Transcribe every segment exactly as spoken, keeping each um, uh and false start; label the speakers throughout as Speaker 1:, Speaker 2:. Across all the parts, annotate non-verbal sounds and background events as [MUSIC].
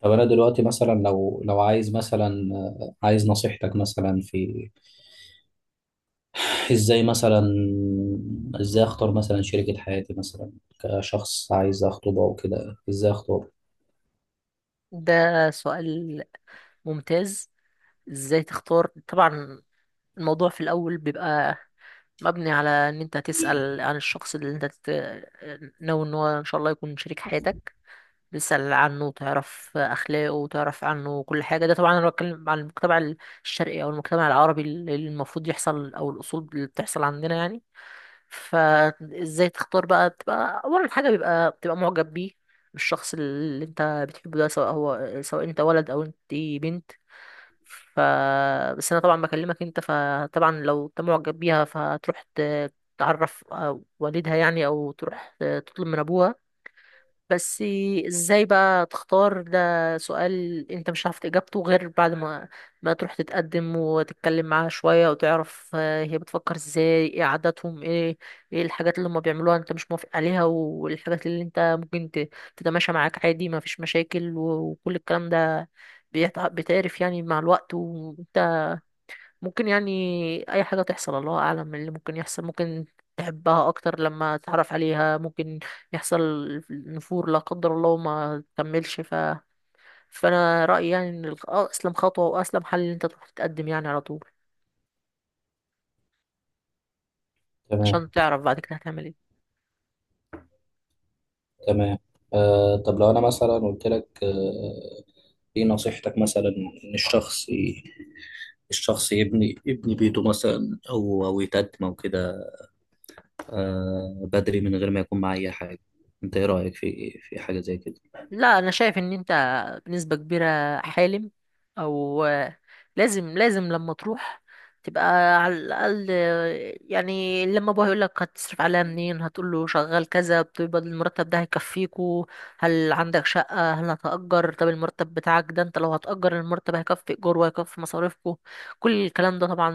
Speaker 1: طب انا دلوقتي مثلا لو لو عايز مثلا آه، عايز نصيحتك مثلا في ازاي مثلا ازاي اختار مثلا شريكة حياتي مثلا كشخص عايز اخطبه او كده ازاي اختار.
Speaker 2: ده سؤال ممتاز. ازاي تختار؟ طبعا، الموضوع في الاول بيبقى مبني على ان انت تسأل عن الشخص اللي انت تت... ناوي ان هو ان شاء الله يكون شريك حياتك، تسأل عنه وتعرف اخلاقه وتعرف عنه كل حاجة. ده طبعا انا بتكلم عن المجتمع الشرقي او المجتمع العربي، اللي المفروض يحصل او الاصول اللي بتحصل عندنا يعني. فازاي تختار بقى؟ بتبقى اول حاجه بيبقى بتبقى معجب بيه، بالشخص اللي انت بتحبه ده، سواء هو سواء انت ولد او انت بنت. ف بس انا طبعا بكلمك انت، فطبعا لو انت معجب بيها فهتروح ت- تعرف آه، والدها يعني، او تروح آه، تطلب من ابوها بس. ازاي بقى تختار؟ ده سؤال انت مش عارف اجابته غير بعد ما ما تروح تتقدم وتتكلم معاها شوية، وتعرف آه، هي بتفكر ازاي، ايه عاداتهم، ايه ايه الحاجات اللي هم بيعملوها انت مش موافق عليها، والحاجات اللي انت ممكن ت- تتماشى معاك عادي، ما فيش مشاكل و- وكل الكلام ده بيتع- بيتعرف يعني مع الوقت. ممكن يعني اي حاجه تحصل، الله اعلم من اللي ممكن يحصل. ممكن تحبها اكتر لما تتعرف عليها، ممكن يحصل نفور لا قدر الله وما تكملش ف... فانا رايي يعني ان الخ- آه، اسلم خطوه واسلم حل ان انت تروح تتقدم يعني على طول،
Speaker 1: تمام.
Speaker 2: عشان تعرف بعد كده هتعمل ايه.
Speaker 1: تمام. آه، طب لو انا مثلا قلت لك آه ايه نصيحتك مثلا ان الشخص ي- الشخص يبني يبني بيته مثلا او او يتقدم او كده، آه بدري من غير ما يكون معاه اي حاجة. انت ايه رأيك في في حاجة زي كده؟
Speaker 2: لا، انا شايف ان انت بنسبة كبيرة حالم. او لازم لازم لما تروح تبقى على الاقل، يعني لما ابوها يقول لك هتصرف عليها منين، هتقول له شغال كذا، بتقبض المرتب ده هيكفيكو؟ هل عندك شقة؟ هل هتأجر؟ طب المرتب بتاعك ده انت لو هتأجر، المرتب هيكفي ايجار وهيكفي مصاريفكو؟ كل الكلام ده طبعا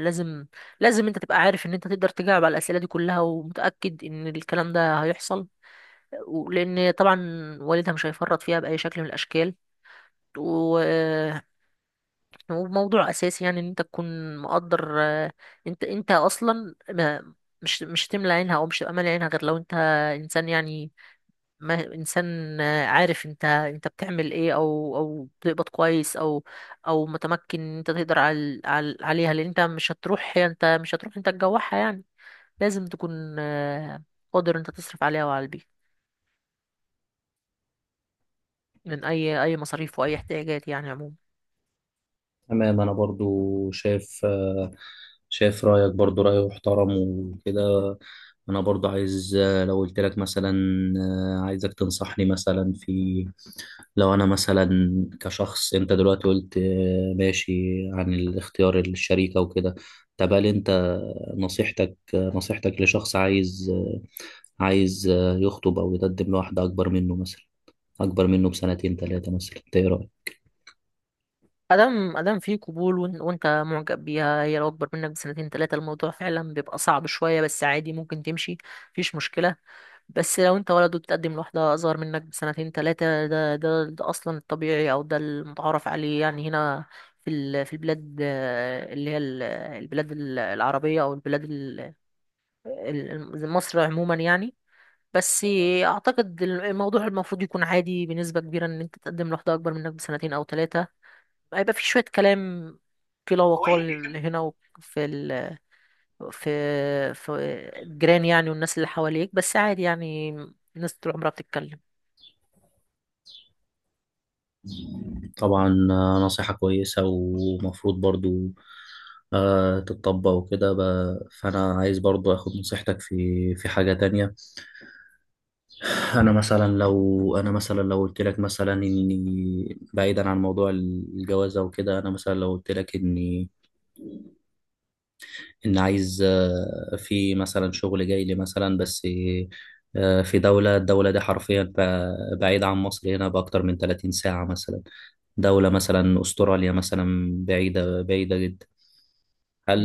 Speaker 2: لازم. لازم انت تبقى عارف ان انت تقدر تجاوب على الأسئلة دي كلها، ومتأكد ان الكلام ده هيحصل، لان طبعا والدها مش هيفرط فيها باي شكل من الاشكال و... وموضوع اساسي يعني ان انت تكون مقدر. آه، انت انت اصلا ما مش مش هتملى عينها، او مش هتبقى مالي عينها غير لو انت انسان يعني، ما انسان آه، عارف انت انت بتعمل ايه، او او بتقبض كويس، او او متمكن ان انت تقدر على على عليها، لان انت مش هتروح انت مش هتروح انت تجوعها يعني. لازم تكون آه، قادر انت تصرف عليها وعلى البيت من اي اي مصاريف واي احتياجات يعني عموما.
Speaker 1: تمام، انا برضو شايف، آه، شايف رايك برضو راي محترم وكده. انا برضو عايز، آه، لو قلت لك مثلا آه، عايزك تنصحني مثلا في، لو انا مثلا كشخص، انت دلوقتي قلت آه، ماشي، عن الاختيار الشريكة وكده. طب هل انت نصيحتك، آه، نصيحتك لشخص عايز، آه، عايز آه، يخطب او يقدم لواحدة اكبر منه مثلا، اكبر منه بسنتين ثلاثة مثلا، إنت ايه
Speaker 2: ادم ادم في قبول وإن- وانت معجب بيها، هي لو اكبر منك بسنتين ثلاثه الموضوع فعلا بيبقى صعب شويه، بس عادي ممكن تمشي، مفيش مشكله. بس لو انت ولد وبتقدم لواحده اصغر منك بسنتين ثلاثه، ده, ده ده اصلا الطبيعي، او ده المتعارف عليه يعني هنا في ال- في البلاد، آه، اللي هي ال- البلاد ال- العربيه، او البلاد ال- ال- مصر عموما يعني. بس اعتقد الموضوع المفروض يكون عادي بنسبة كبيرة، ان انت تقدم لواحدة اكبر منك بسنتين او ثلاثة. هيبقى في شوية كلام في لا
Speaker 1: رايك؟
Speaker 2: وقال هنا وفي ال... في في الجيران يعني، والناس اللي حواليك، بس عادي يعني، الناس طول عمرها بتتكلم.
Speaker 1: طبعا آه، نصيحة كويسة ومفروض برضو آه، تتطبق وكده، ب- فأنا عايز برضو أخد نصيحتك في في حاجة تانية. أنا مثلا لو أنا مثلا لو قلت لك مثلا إني بعيدا عن موضوع الجوازة وكده، أنا مثلا لو قلت لك إني ان عايز آه، في مثلا شغل جاي لي مثلا، بس آه، في دولة، الدولة دي حرفيا ب- بعيدة عن مصر هنا بأكتر من ثلاثين ساعة مثلا، دولة مثلا أستراليا مثلا، بعيدة بعيدة جدا. هل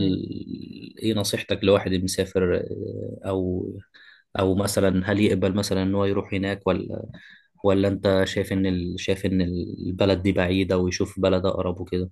Speaker 1: ايه نصيحتك لواحد مسافر، آه، او او مثلا هل يقبل مثلا ان هو يروح هناك، ولا ولا انت شايف ان ال... شايف ان البلد دي بعيدة ويشوف بلد اقرب وكده؟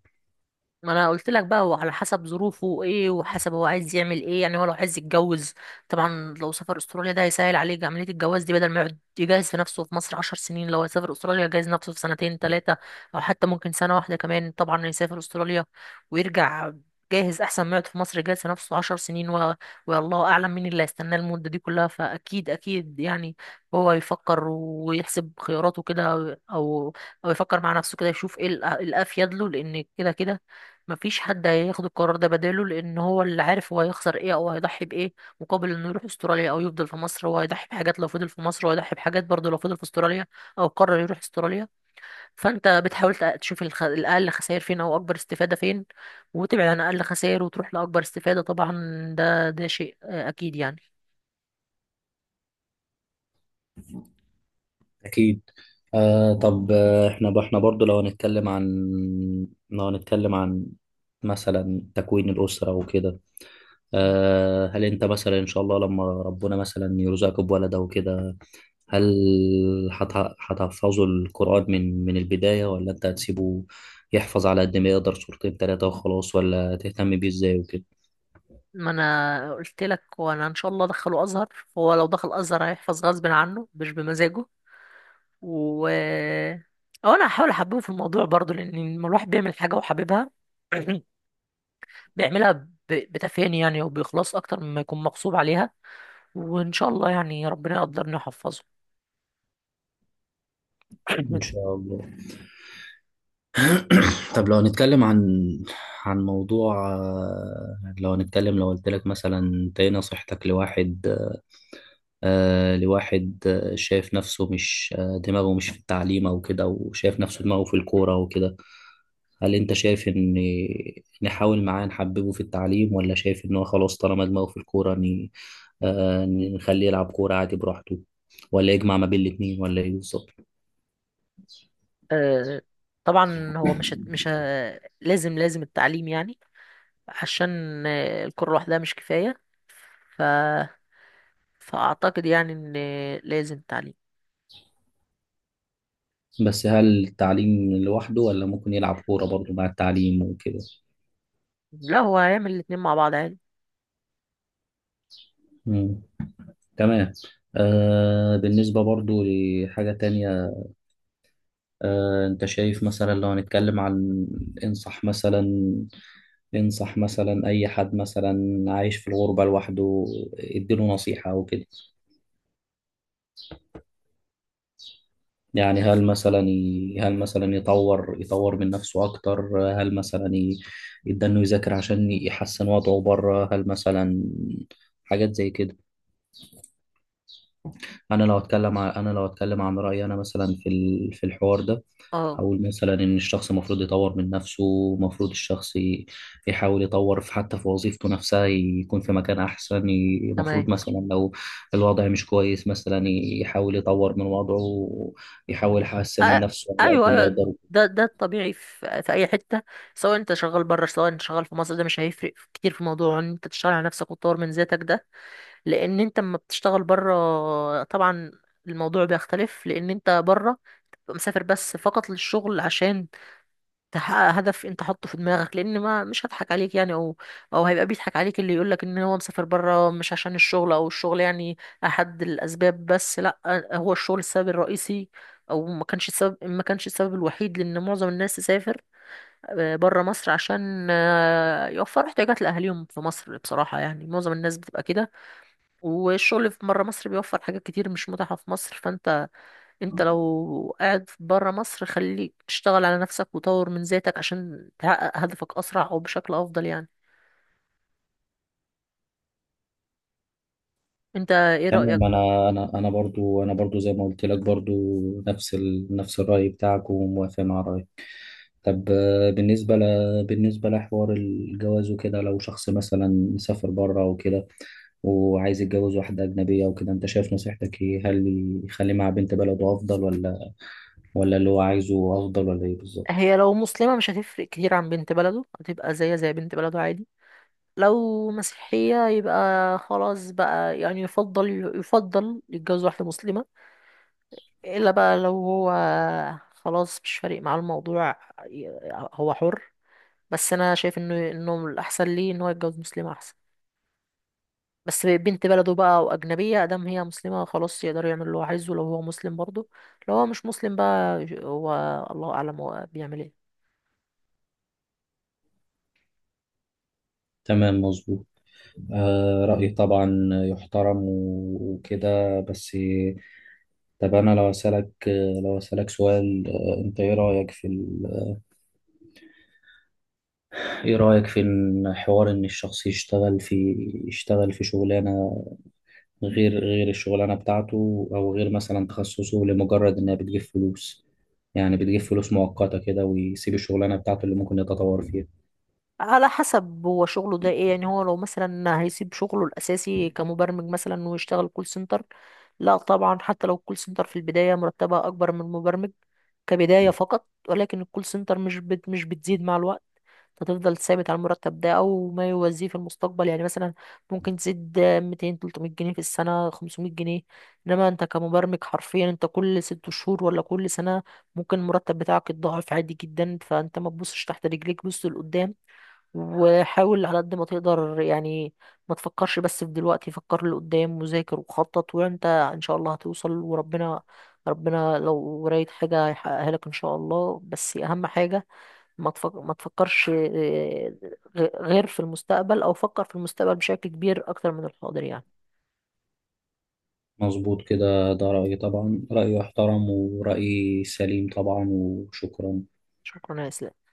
Speaker 2: ما انا قلت لك بقى، هو على حسب ظروفه ايه، وحسب هو عايز يعمل ايه يعني. هو لو عايز يتجوز، طبعا لو سافر استراليا ده هيسهل عليه عملية الجواز دي، بدل ما يقعد يجهز في نفسه في مصر عشر سنين، لو هيسافر استراليا يجهز نفسه في سنتين ثلاثة، او حتى ممكن سنة واحدة كمان طبعا. يسافر استراليا ويرجع جاهز، احسن ما يقعد في مصر يجهز في نفسه عشر سنين و... والله اعلم مين اللي هيستناه المدة دي كلها. فاكيد اكيد يعني، هو يفكر ويحسب خياراته كده، او او يفكر مع نفسه كده، يشوف ايه الأ- الافيد له، لان كده كده مفيش حد هياخد القرار ده بداله، لان هو اللي عارف هو هيخسر ايه او هيضحي بايه مقابل انه يروح استراليا او يفضل في مصر. هو هيضحي بحاجات لو فضل في مصر، وهيضحي بحاجات برضه لو فضل في استراليا او قرر يروح استراليا. فانت بتحاول تق- تشوف الخ... الاقل خسائر فين او اكبر استفادة فين، وتبعد عن اقل خسائر وتروح لاكبر استفادة طبعا. ده ده شيء آه، اكيد يعني.
Speaker 1: أكيد. آه، طب آه، احنا احنا برضو لو هنتكلم عن، لو هنتكلم عن مثلا تكوين الأسرة وكده، آه هل أنت مثلا إن شاء الله لما ربنا مثلا يرزقك بولد أو كده، هل هت- هتحفظه القرآن من من البداية، ولا أنت هتسيبه يحفظ على قد ما يقدر سورتين تلاتة وخلاص، ولا تهتم بيه إزاي وكده؟
Speaker 2: ما انا قلت لك، وانا ان شاء الله ادخله ازهر. هو لو دخل ازهر هيحفظ غصب عنه مش بمزاجه. و أو انا هحاول احببه في الموضوع برضو، لان لما الواحد بيعمل حاجه وحاببها [CLEARS THROAT] بيعملها ب... بتفاني يعني وبإخلاص اكتر مما يكون مغصوب عليها. وان شاء الله يعني ربنا يقدرني ويحفظه.
Speaker 1: إن
Speaker 2: [CLEARS THROAT]
Speaker 1: شاء الله. [CLEARS THROAT] طب لو هنتكلم عن، عن موضوع، آه، لو هنتكلم، لو قلت لك مثلا، انت ايه نصيحتك لواحد، آه، لواحد آه، شايف نفسه مش، آه، دماغه مش في التعليم او كده وشايف نفسه دماغه في الكورة وكده، هل انت شايف ان نحاول معاه نحببه في التعليم، ولا شايف ان هو خلاص طالما دماغه في الكورة، ن- آه، نخليه يلعب كورة عادي براحته، ولا يجمع ما بين الاتنين، ولا ايه بالظبط؟
Speaker 2: آه، طبعا هو مش هت- مش ه- لازم لازم التعليم يعني، عشان آه، الكرة لوحدها مش كفاية ف... فأعتقد يعني إن لازم تعليم.
Speaker 1: بس هل التعليم لوحده، ولا ممكن يلعب كورة برضه مع التعليم وكده؟
Speaker 2: لا، هو هيعمل الاتنين مع بعض عادي.
Speaker 1: مم. تمام. آه، بالنسبة برضه لحاجة تانية، آه انت شايف مثلا لو هنتكلم عن، انصح مثلا، انصح مثلا اي حد مثلا عايش في الغربة لوحده، اديله نصيحة او كده، يعني هل مثلا ي... هل مثلا يطور يطور من نفسه اكتر، هل مثلا ي... يبدأ انه يذاكر عشان يحسن وضعه بره، هل مثلا حاجات زي كده. انا لو اتكلم عن انا لو اتكلم عن رايي انا مثلا في ال- في الحوار ده،
Speaker 2: اه،
Speaker 1: هقول مثلا ان الشخص المفروض يطور من نفسه، المفروض الشخص ي- يحاول يطور في، حتى في وظيفته نفسها يكون في مكان احسن، ي-
Speaker 2: تمام.
Speaker 1: المفروض مثلا لو الوضع مش كويس مثلا ي- يحاول يطور من وضعه، يحاول
Speaker 2: أ-
Speaker 1: يحسن من نفسه على
Speaker 2: ايوه،
Speaker 1: قد ما
Speaker 2: ايوه.
Speaker 1: يقدر.
Speaker 2: ده ده الطبيعي في في اي حته، سواء انت شغال بره، سواء انت شغال في مصر، ده مش هيفرق كتير في موضوع ان انت تشتغل على نفسك وتطور من ذاتك ده. لان انت لما بتشتغل بره طبعا الموضوع بيختلف، لان انت بره بتبقى مسافر بس فقط للشغل، عشان تحقق هدف انت حاطه في دماغك. لان ما مش هضحك عليك يعني، او او هيبقى بيضحك عليك اللي يقولك ان هو مسافر بره مش عشان الشغل، او الشغل يعني احد الاسباب بس. لا، هو الشغل السبب الرئيسي، او ما كانش السبب ما كانش السبب الوحيد، لان معظم الناس تسافر بره مصر عشان آه، يوفروا احتياجات لاهاليهم في مصر، بصراحة يعني. معظم الناس بتبقى كده، والشغل في بره مصر بيوفر حاجات كتير مش متاحة في مصر. انت لو قاعد بره مصر خليك تشتغل على نفسك وطور من ذاتك، عشان تحقق هدفك اسرع او بشكل افضل يعني. انت ايه رأيك
Speaker 1: تمام،
Speaker 2: بقى؟
Speaker 1: انا انا انا برضو انا برضو زي ما قلت لك، برضو نفس ال... نفس الراي بتاعك، وموافق مع رايك. طب آه، بالنسبة ل... بالنسبة لحوار الجواز وكده، لو شخص مثلا سافر بره وكده وعايز يتجوز واحدة أجنبية وكده، أنت شايف نصيحتك إيه؟ هل يخلي مع بنت بلده أفضل، ولا ولا اللي هو عايزه أفضل، ولا إيه بالظبط؟
Speaker 2: هي لو مسلمة مش هتفرق كتير عن بنت بلده، هتبقى زي زي بنت بلده عادي. لو مسيحية يبقى خلاص بقى يعني، يفضل يفضل يتجوز واحدة مسلمة. الا بقى لو هو خلاص مش فارق معاه الموضوع، ي- هو حر. بس انا شايف انه انه الاحسن ليه ان هو يتجوز مسلمة احسن. بس بنت بلده بقى وأجنبية، أدام هي مسلمة خلاص يقدر يعمل اللي هو عايزه لو هو مسلم برضه. لو هو مش مسلم بقى، هو الله أعلم هو بيعمل ايه.
Speaker 1: تمام مظبوط. آه، رأيي طبعا يحترم و- وكده، بس طب أنا لو أسألك، لو أسألك سؤال، آه، أنت إيه رأيك في ال... إيه رأيك في إن حوار إن الشخص يشتغل في، يشتغل في شغلانة غير غير الشغلانة بتاعته، أو غير مثلا تخصصه، لمجرد إنها بتجيب فلوس، يعني بتجيب فلوس مؤقتة كده، ويسيب الشغلانة بتاعته اللي ممكن يتطور فيها؟
Speaker 2: على حسب هو شغله ده ايه يعني. هو لو مثلا هيسيب شغله الاساسي كمبرمج مثلا ويشتغل كول سنتر، لا طبعا. حتى لو الكول سنتر في البدايه مرتبها اكبر من المبرمج كبدايه فقط، ولكن الكول سنتر مش بت مش بتزيد مع الوقت، هتفضل ثابت على المرتب ده او ما يوازيه في المستقبل يعني. مثلا ممكن تزيد ميتين تلت ميت جنيه في السنه، خمس ميت جنيه. انما انت كمبرمج حرفيا، انت كل ست شهور ولا كل سنه ممكن المرتب بتاعك يتضاعف عادي جدا. فانت ما تبصش تحت رجليك، بص لقدام وحاول على قد ما تقدر يعني. ما تفكرش بس في دلوقتي، فكر لقدام وذاكر وخطط وانت ان شاء الله هتوصل. وربنا ربنا لو رايت حاجة هيحققها لك ان شاء الله. بس اهم حاجة ما تفك... ما تفكرش آه، غ- غير في المستقبل، او فكر في المستقبل بشكل كبير اكتر من الحاضر يعني.
Speaker 1: مظبوط كده، ده رأيي طبعا، رأيي يحترم ورأيي سليم طبعا، وشكرا.
Speaker 2: شكرا يا اسلام.